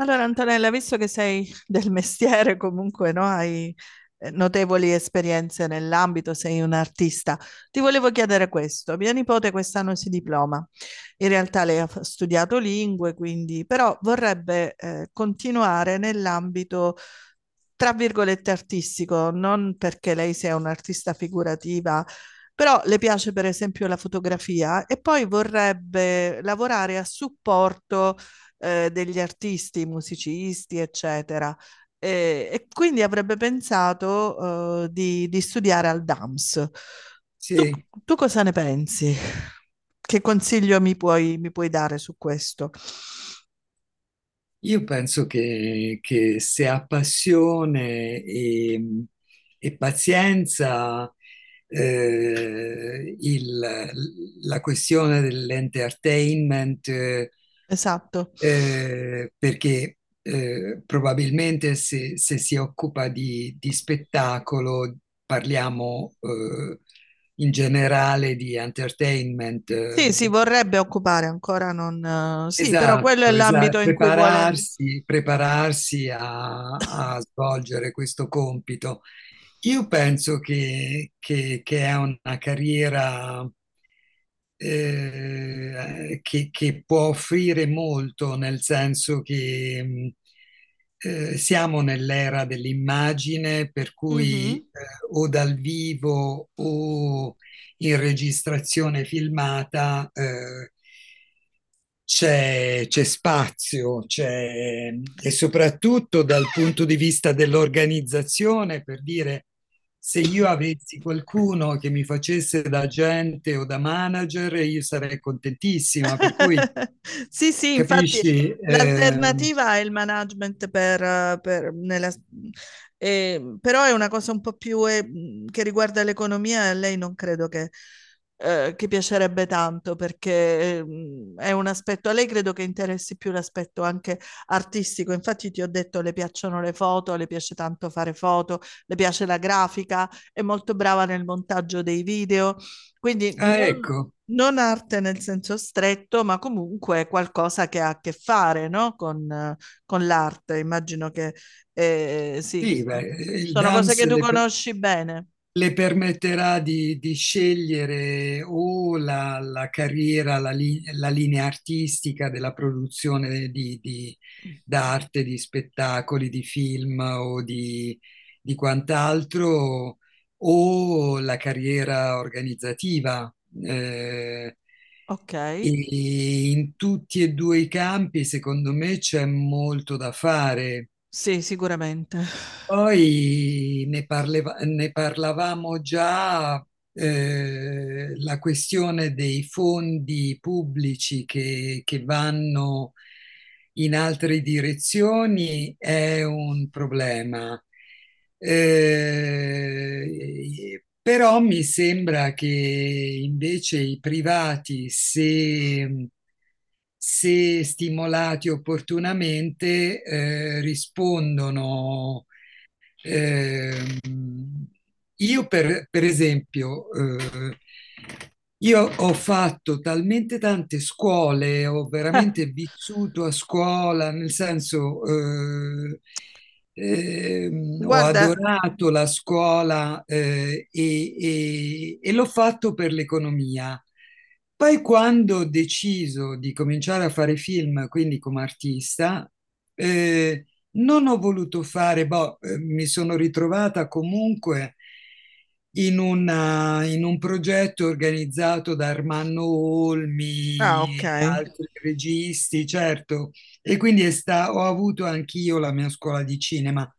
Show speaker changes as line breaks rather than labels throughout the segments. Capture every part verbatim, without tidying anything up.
Allora, Antonella, visto che sei del mestiere, comunque, no? Hai eh, notevoli esperienze nell'ambito, sei un artista. Ti volevo chiedere questo. Mia nipote quest'anno si diploma. In realtà lei ha f- studiato lingue, quindi, però vorrebbe eh, continuare nell'ambito, tra virgolette, artistico, non perché lei sia un'artista figurativa. Però le piace per esempio la fotografia e poi vorrebbe lavorare a supporto eh, degli artisti, musicisti, eccetera. E, e quindi avrebbe pensato eh, di, di studiare al DAMS. Tu,
Sì,
tu cosa ne pensi? Che consiglio mi puoi, mi puoi dare su questo?
io penso che, che se ha passione e, e pazienza. eh, il- la questione dell'entertainment, eh,
Esatto.
eh, perché eh, probabilmente se, se si occupa di, di spettacolo, parliamo eh, in generale di entertainment. Eh,
Sì, si vorrebbe occupare, ancora non... eh, Sì, però quello è
Esatto,
l'ambito
esatto.
in cui vuole...
Prepararsi, prepararsi a, a svolgere questo compito. Io penso che, che- che è una carriera eh, che, che può offrire molto, nel senso che mh, eh, siamo nell'era dell'immagine, per cui eh,
Mhm.
o dal vivo o in registrazione filmata. Eh, c'è, c'è spazio, c'è, e soprattutto dal punto di vista dell'organizzazione, per dire, se io avessi qualcuno che mi facesse da agente o da manager, io sarei contentissima, per cui
Sì, sì, infatti
capisci? Eh,
l'alternativa è il management per, eh, per- nella- eh, però è una cosa un po' più eh, mh, che riguarda l'economia, e a lei non credo che, eh, che piacerebbe tanto perché ehm, è un aspetto, a lei credo che interessi più l'aspetto anche artistico, infatti ti ho detto le piacciono le foto, le piace tanto fare foto, le piace la grafica, è molto brava nel montaggio dei video, quindi
ah,
non...
ecco,
Non arte nel senso stretto, ma comunque qualcosa che ha a che fare, no? Con, eh, con l'arte. Immagino che eh, sì,
sì, beh,
so-
il
sono cose
DAMS,
che tu
le,
conosci bene.
le permetterà di, di scegliere o la, la carriera, la, li- la linea artistica della produzione di, di- d'arte, di spettacoli, di film o di, di quant'altro, o la carriera organizzativa. Eh,
Ok,
e In tutti e due i campi, secondo me, c'è molto da fare.
sì, sicuramente.
Poi ne parleva- ne parlavamo già. Eh, la questione dei fondi pubblici che, che vanno in altre direzioni è un problema. Eh, però mi sembra che invece i privati, se, se stimolati opportunamente, eh, rispondono. eh, io per, per esempio, eh, io ho fatto talmente tante scuole, ho veramente vissuto a scuola, nel senso, eh, ehm, ho
Guarda,
adorato la scuola, eh, e, e- e l'ho fatto per l'economia. Poi quando ho deciso di cominciare a fare film, quindi come artista, eh, non ho voluto fare, boh, eh, mi sono ritrovata comunque in, una- in un progetto organizzato da Armando
ah, ok.
Olmi, altri registi, certo, e quindi è sta- ho avuto anch'io la mia scuola di cinema,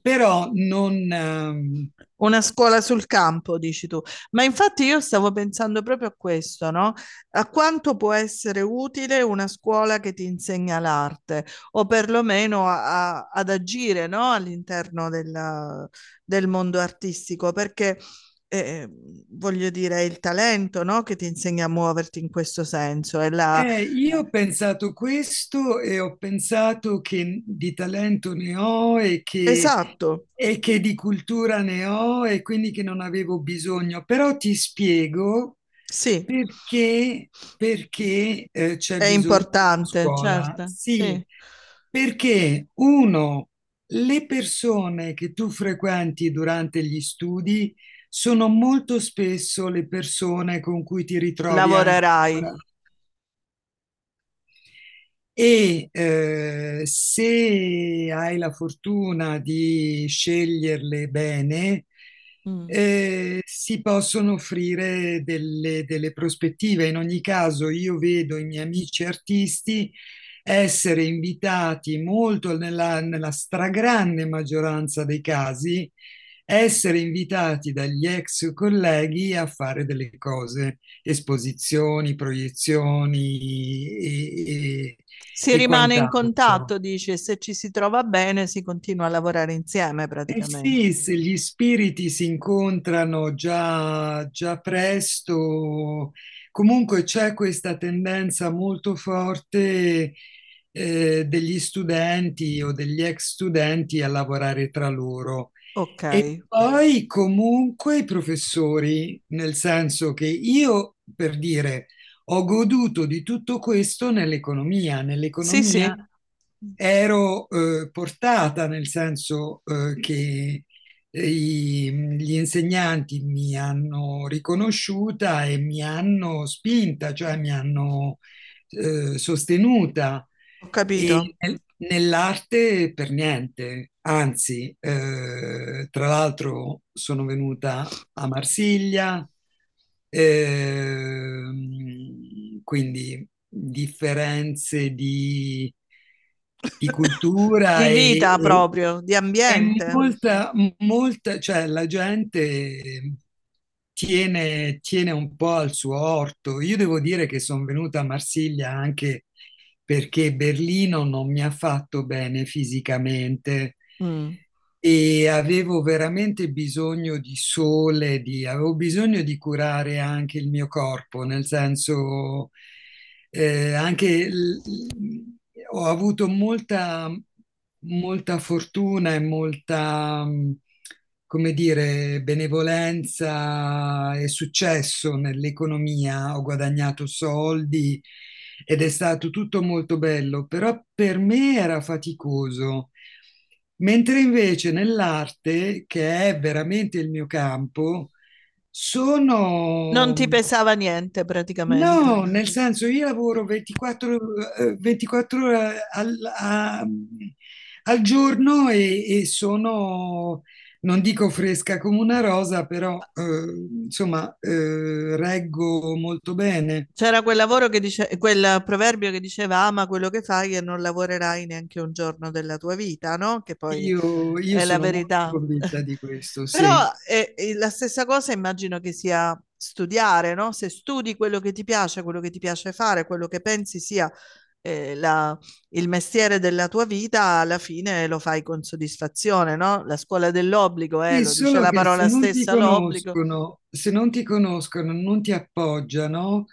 però non, ehm,
Una scuola sul campo, dici tu. Ma infatti io stavo pensando proprio a questo, no? A quanto può essere utile una scuola che ti insegna l'arte, o perlomeno a- a- ad agire, no? All'interno della- del mondo artistico, perché eh, voglio dire, è il talento, no? Che ti insegna a muoverti in questo senso. È la...
Eh, io ho pensato questo e ho pensato che di talento ne ho e che,
Esatto,
e che di cultura ne ho e quindi che non avevo bisogno, però ti spiego
sì,
perché, perché, eh,
è
c'è bisogno della
importante,
scuola.
certo,
Sì,
sì.
perché uno, le persone che tu frequenti durante gli studi sono molto spesso le persone con cui ti ritrovi anche a
Lavorerai.
lavorare e eh, se hai la fortuna di sceglierle bene,
Mm.
eh, si possono offrire delle, delle prospettive. In ogni caso, io vedo i miei amici artisti essere invitati molto nella, nella stragrande maggioranza dei casi, essere invitati dagli ex colleghi a fare delle cose: esposizioni, proiezioni e, e-
Si
e
rimane in contatto,
quant'altro.
dice, se ci si trova bene si continua a lavorare insieme
Eh
praticamente.
sì, se gli spiriti si incontrano già, già presto, comunque c'è questa tendenza molto forte eh, degli studenti o degli ex studenti a lavorare tra loro.
Ok,
Poi comunque i professori, nel senso che io, per dire, ho goduto di tutto questo nell'economia.
sì,
Nell'economia
sì,
ero eh, portata, nel senso eh, che eh, i- gli insegnanti mi hanno riconosciuta e mi hanno spinta, cioè mi hanno eh, sostenuta
ho
e
capito.
nel- nell'arte per niente. Anzi, eh, tra l'altro sono venuta a Marsiglia, ehm, quindi differenze di, di
Di
cultura e,
vita
e-
proprio, di
e
ambiente.
molta, molta, cioè la gente tiene, tiene un po' al suo orto. Io devo dire che sono venuta a Marsiglia anche perché Berlino non mi ha fatto bene fisicamente
Mm.
e avevo veramente bisogno di sole, di- avevo bisogno di curare anche il mio corpo, nel senso eh, anche l- l- ho avuto molta, molta fortuna e molta, come dire, benevolenza e successo nell'economia, ho guadagnato soldi ed è stato tutto molto bello, però per me era faticoso. Mentre invece nell'arte, che è veramente il mio campo,
Non
sono...
ti pesava niente praticamente.
No, nel senso io lavoro ventiquattro, eh, ventiquattro ore al, a- al giorno e, e sono, non dico fresca come una rosa, però eh, insomma eh, reggo molto bene.
C'era quel lavoro che dice, quel proverbio che diceva ama quello che fai e non lavorerai neanche un giorno della tua vita, no? Che poi
Io, io
è la
sono molto
verità.
convinta di questo,
Però
sì.
è, è la stessa cosa immagino che sia studiare, no? Se studi quello che ti piace, quello che ti piace fare, quello che pensi sia eh, la- il mestiere della tua vita, alla fine lo fai con soddisfazione, no? La scuola dell'obbligo, eh,
Sì,
lo dice
solo
la
che se
parola
non ti
stessa, l'obbligo.
conoscono, se non ti conoscono, non ti appoggiano,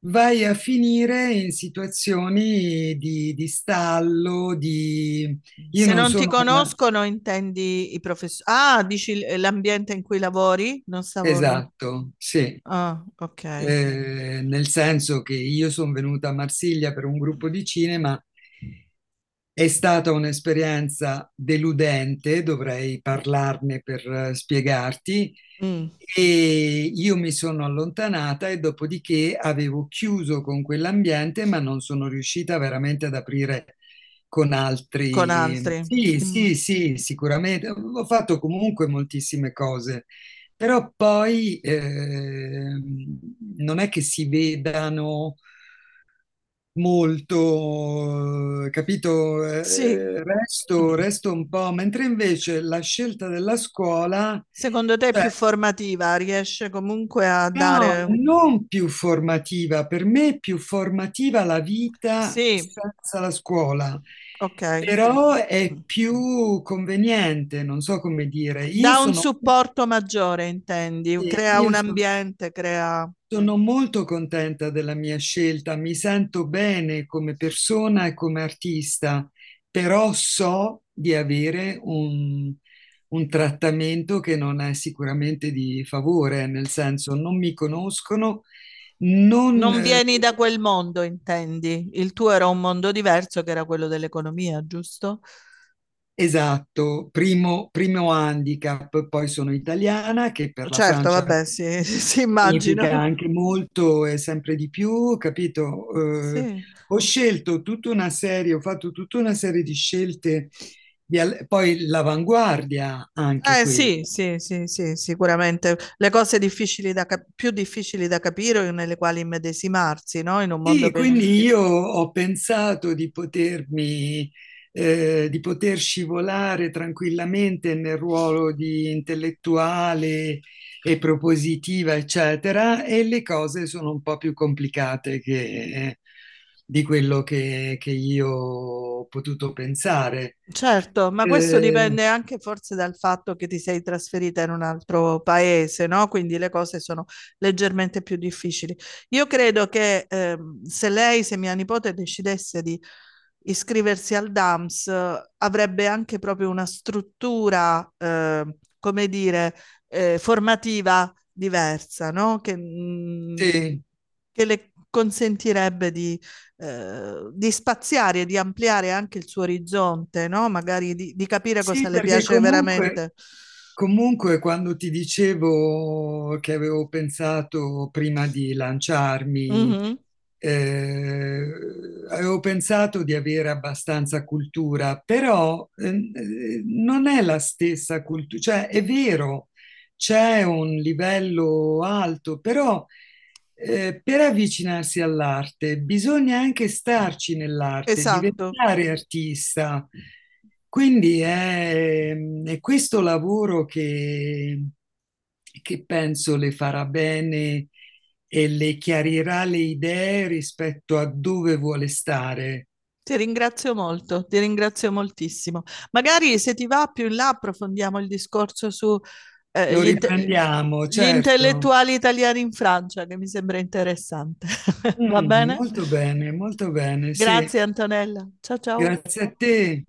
vai a finire in situazioni di, di stallo, di... Io
Se
non
non ti
sono una...
conoscono, intendi i professori? Ah, dici l- l'ambiente in cui lavori? Non stavo... no.
Esatto, sì.
Ah, ok.
Eh, nel senso che io sono venuta a Marsiglia per un gruppo di cinema, è stata un'esperienza deludente, dovrei parlarne per eh, spiegarti,
Mm.
e io mi sono allontanata e dopodiché avevo chiuso con quell'ambiente, ma non sono riuscita veramente ad aprire con
Con
altri.
altri.
Sì,
Mm.
sì, sì, sicuramente. Ho fatto comunque moltissime cose, però poi ehm, non è che si vedano molto, eh, capito?
Sì. Mm.
Eh, resto, resto un po', mentre invece la scelta della scuola,
Secondo te è
cioè,
più formativa? Riesce comunque a
no,
dare...
non più formativa, per me è più formativa la vita
Sì,
senza la scuola,
ok.
però è
Mm.
più conveniente, non so come dire. Io
Dà un
sono...
supporto maggiore, intendi?
sì,
Crea un
Io sono
ambiente, crea...
Sono molto contenta della mia scelta, mi sento bene come persona e come artista, però so di avere un, un trattamento che non è sicuramente di favore, nel senso non mi conoscono, non
Non
eh,
vieni da quel mondo, intendi? Il tuo era un mondo diverso che era quello dell'economia, giusto?
esatto, primo, primo handicap, poi sono italiana, che per la
Certo,
Francia
vabbè, sì, sì, immagino.
significa anche molto e sempre di più, capito? Eh,
Sì.
Ho scelto tutta una serie, ho fatto tutta una serie di scelte, di al- poi l'avanguardia anche
Eh, sì,
quello.
sì, sì, sì, sicuramente. Le cose difficili da cap- più difficili da capire o nelle quali immedesimarsi, no? In un
Sì,
mondo
anche
che
quindi se... io ho pensato di potermi, eh, di poter scivolare tranquillamente nel ruolo di intellettuale e propositiva, eccetera, e le cose sono un po' più complicate che- di quello che, che io ho potuto pensare.
certo, ma questo
Eh,
dipende anche forse dal fatto che ti sei trasferita in un altro paese, no? Quindi le cose sono leggermente più difficili. Io credo che ehm, se lei, se mia nipote decidesse di iscriversi al DAMS, eh, avrebbe anche proprio una struttura, eh, come dire, eh, formativa diversa, no? Che, mm,
sì,
che le consentirebbe di, eh, di spaziare e di ampliare anche il suo orizzonte, no? Magari di, di capire cosa
sì,
le
perché
piace
comunque.
veramente.
Comunque, quando ti dicevo che avevo pensato prima di lanciarmi,
Mhm.
eh, avevo pensato di avere abbastanza cultura, però ehm, eh, non è la stessa cultura, cioè è vero, c'è un livello alto, però eh, per avvicinarsi all'arte bisogna anche starci nell'arte,
Esatto.
diventare artista. Quindi è, è questo lavoro che, che penso le farà bene e le chiarirà le idee rispetto a dove vuole stare.
Ti ringrazio molto, ti ringrazio moltissimo. Magari se ti va più in là approfondiamo il discorso su eh,
Lo
gli, inte-
riprendiamo,
gli
certo.
intellettuali italiani in Francia, che mi sembra interessante. Va
Mm,
bene?
molto bene, molto bene, sì.
Grazie Antonella. Ciao ciao.
Grazie a te.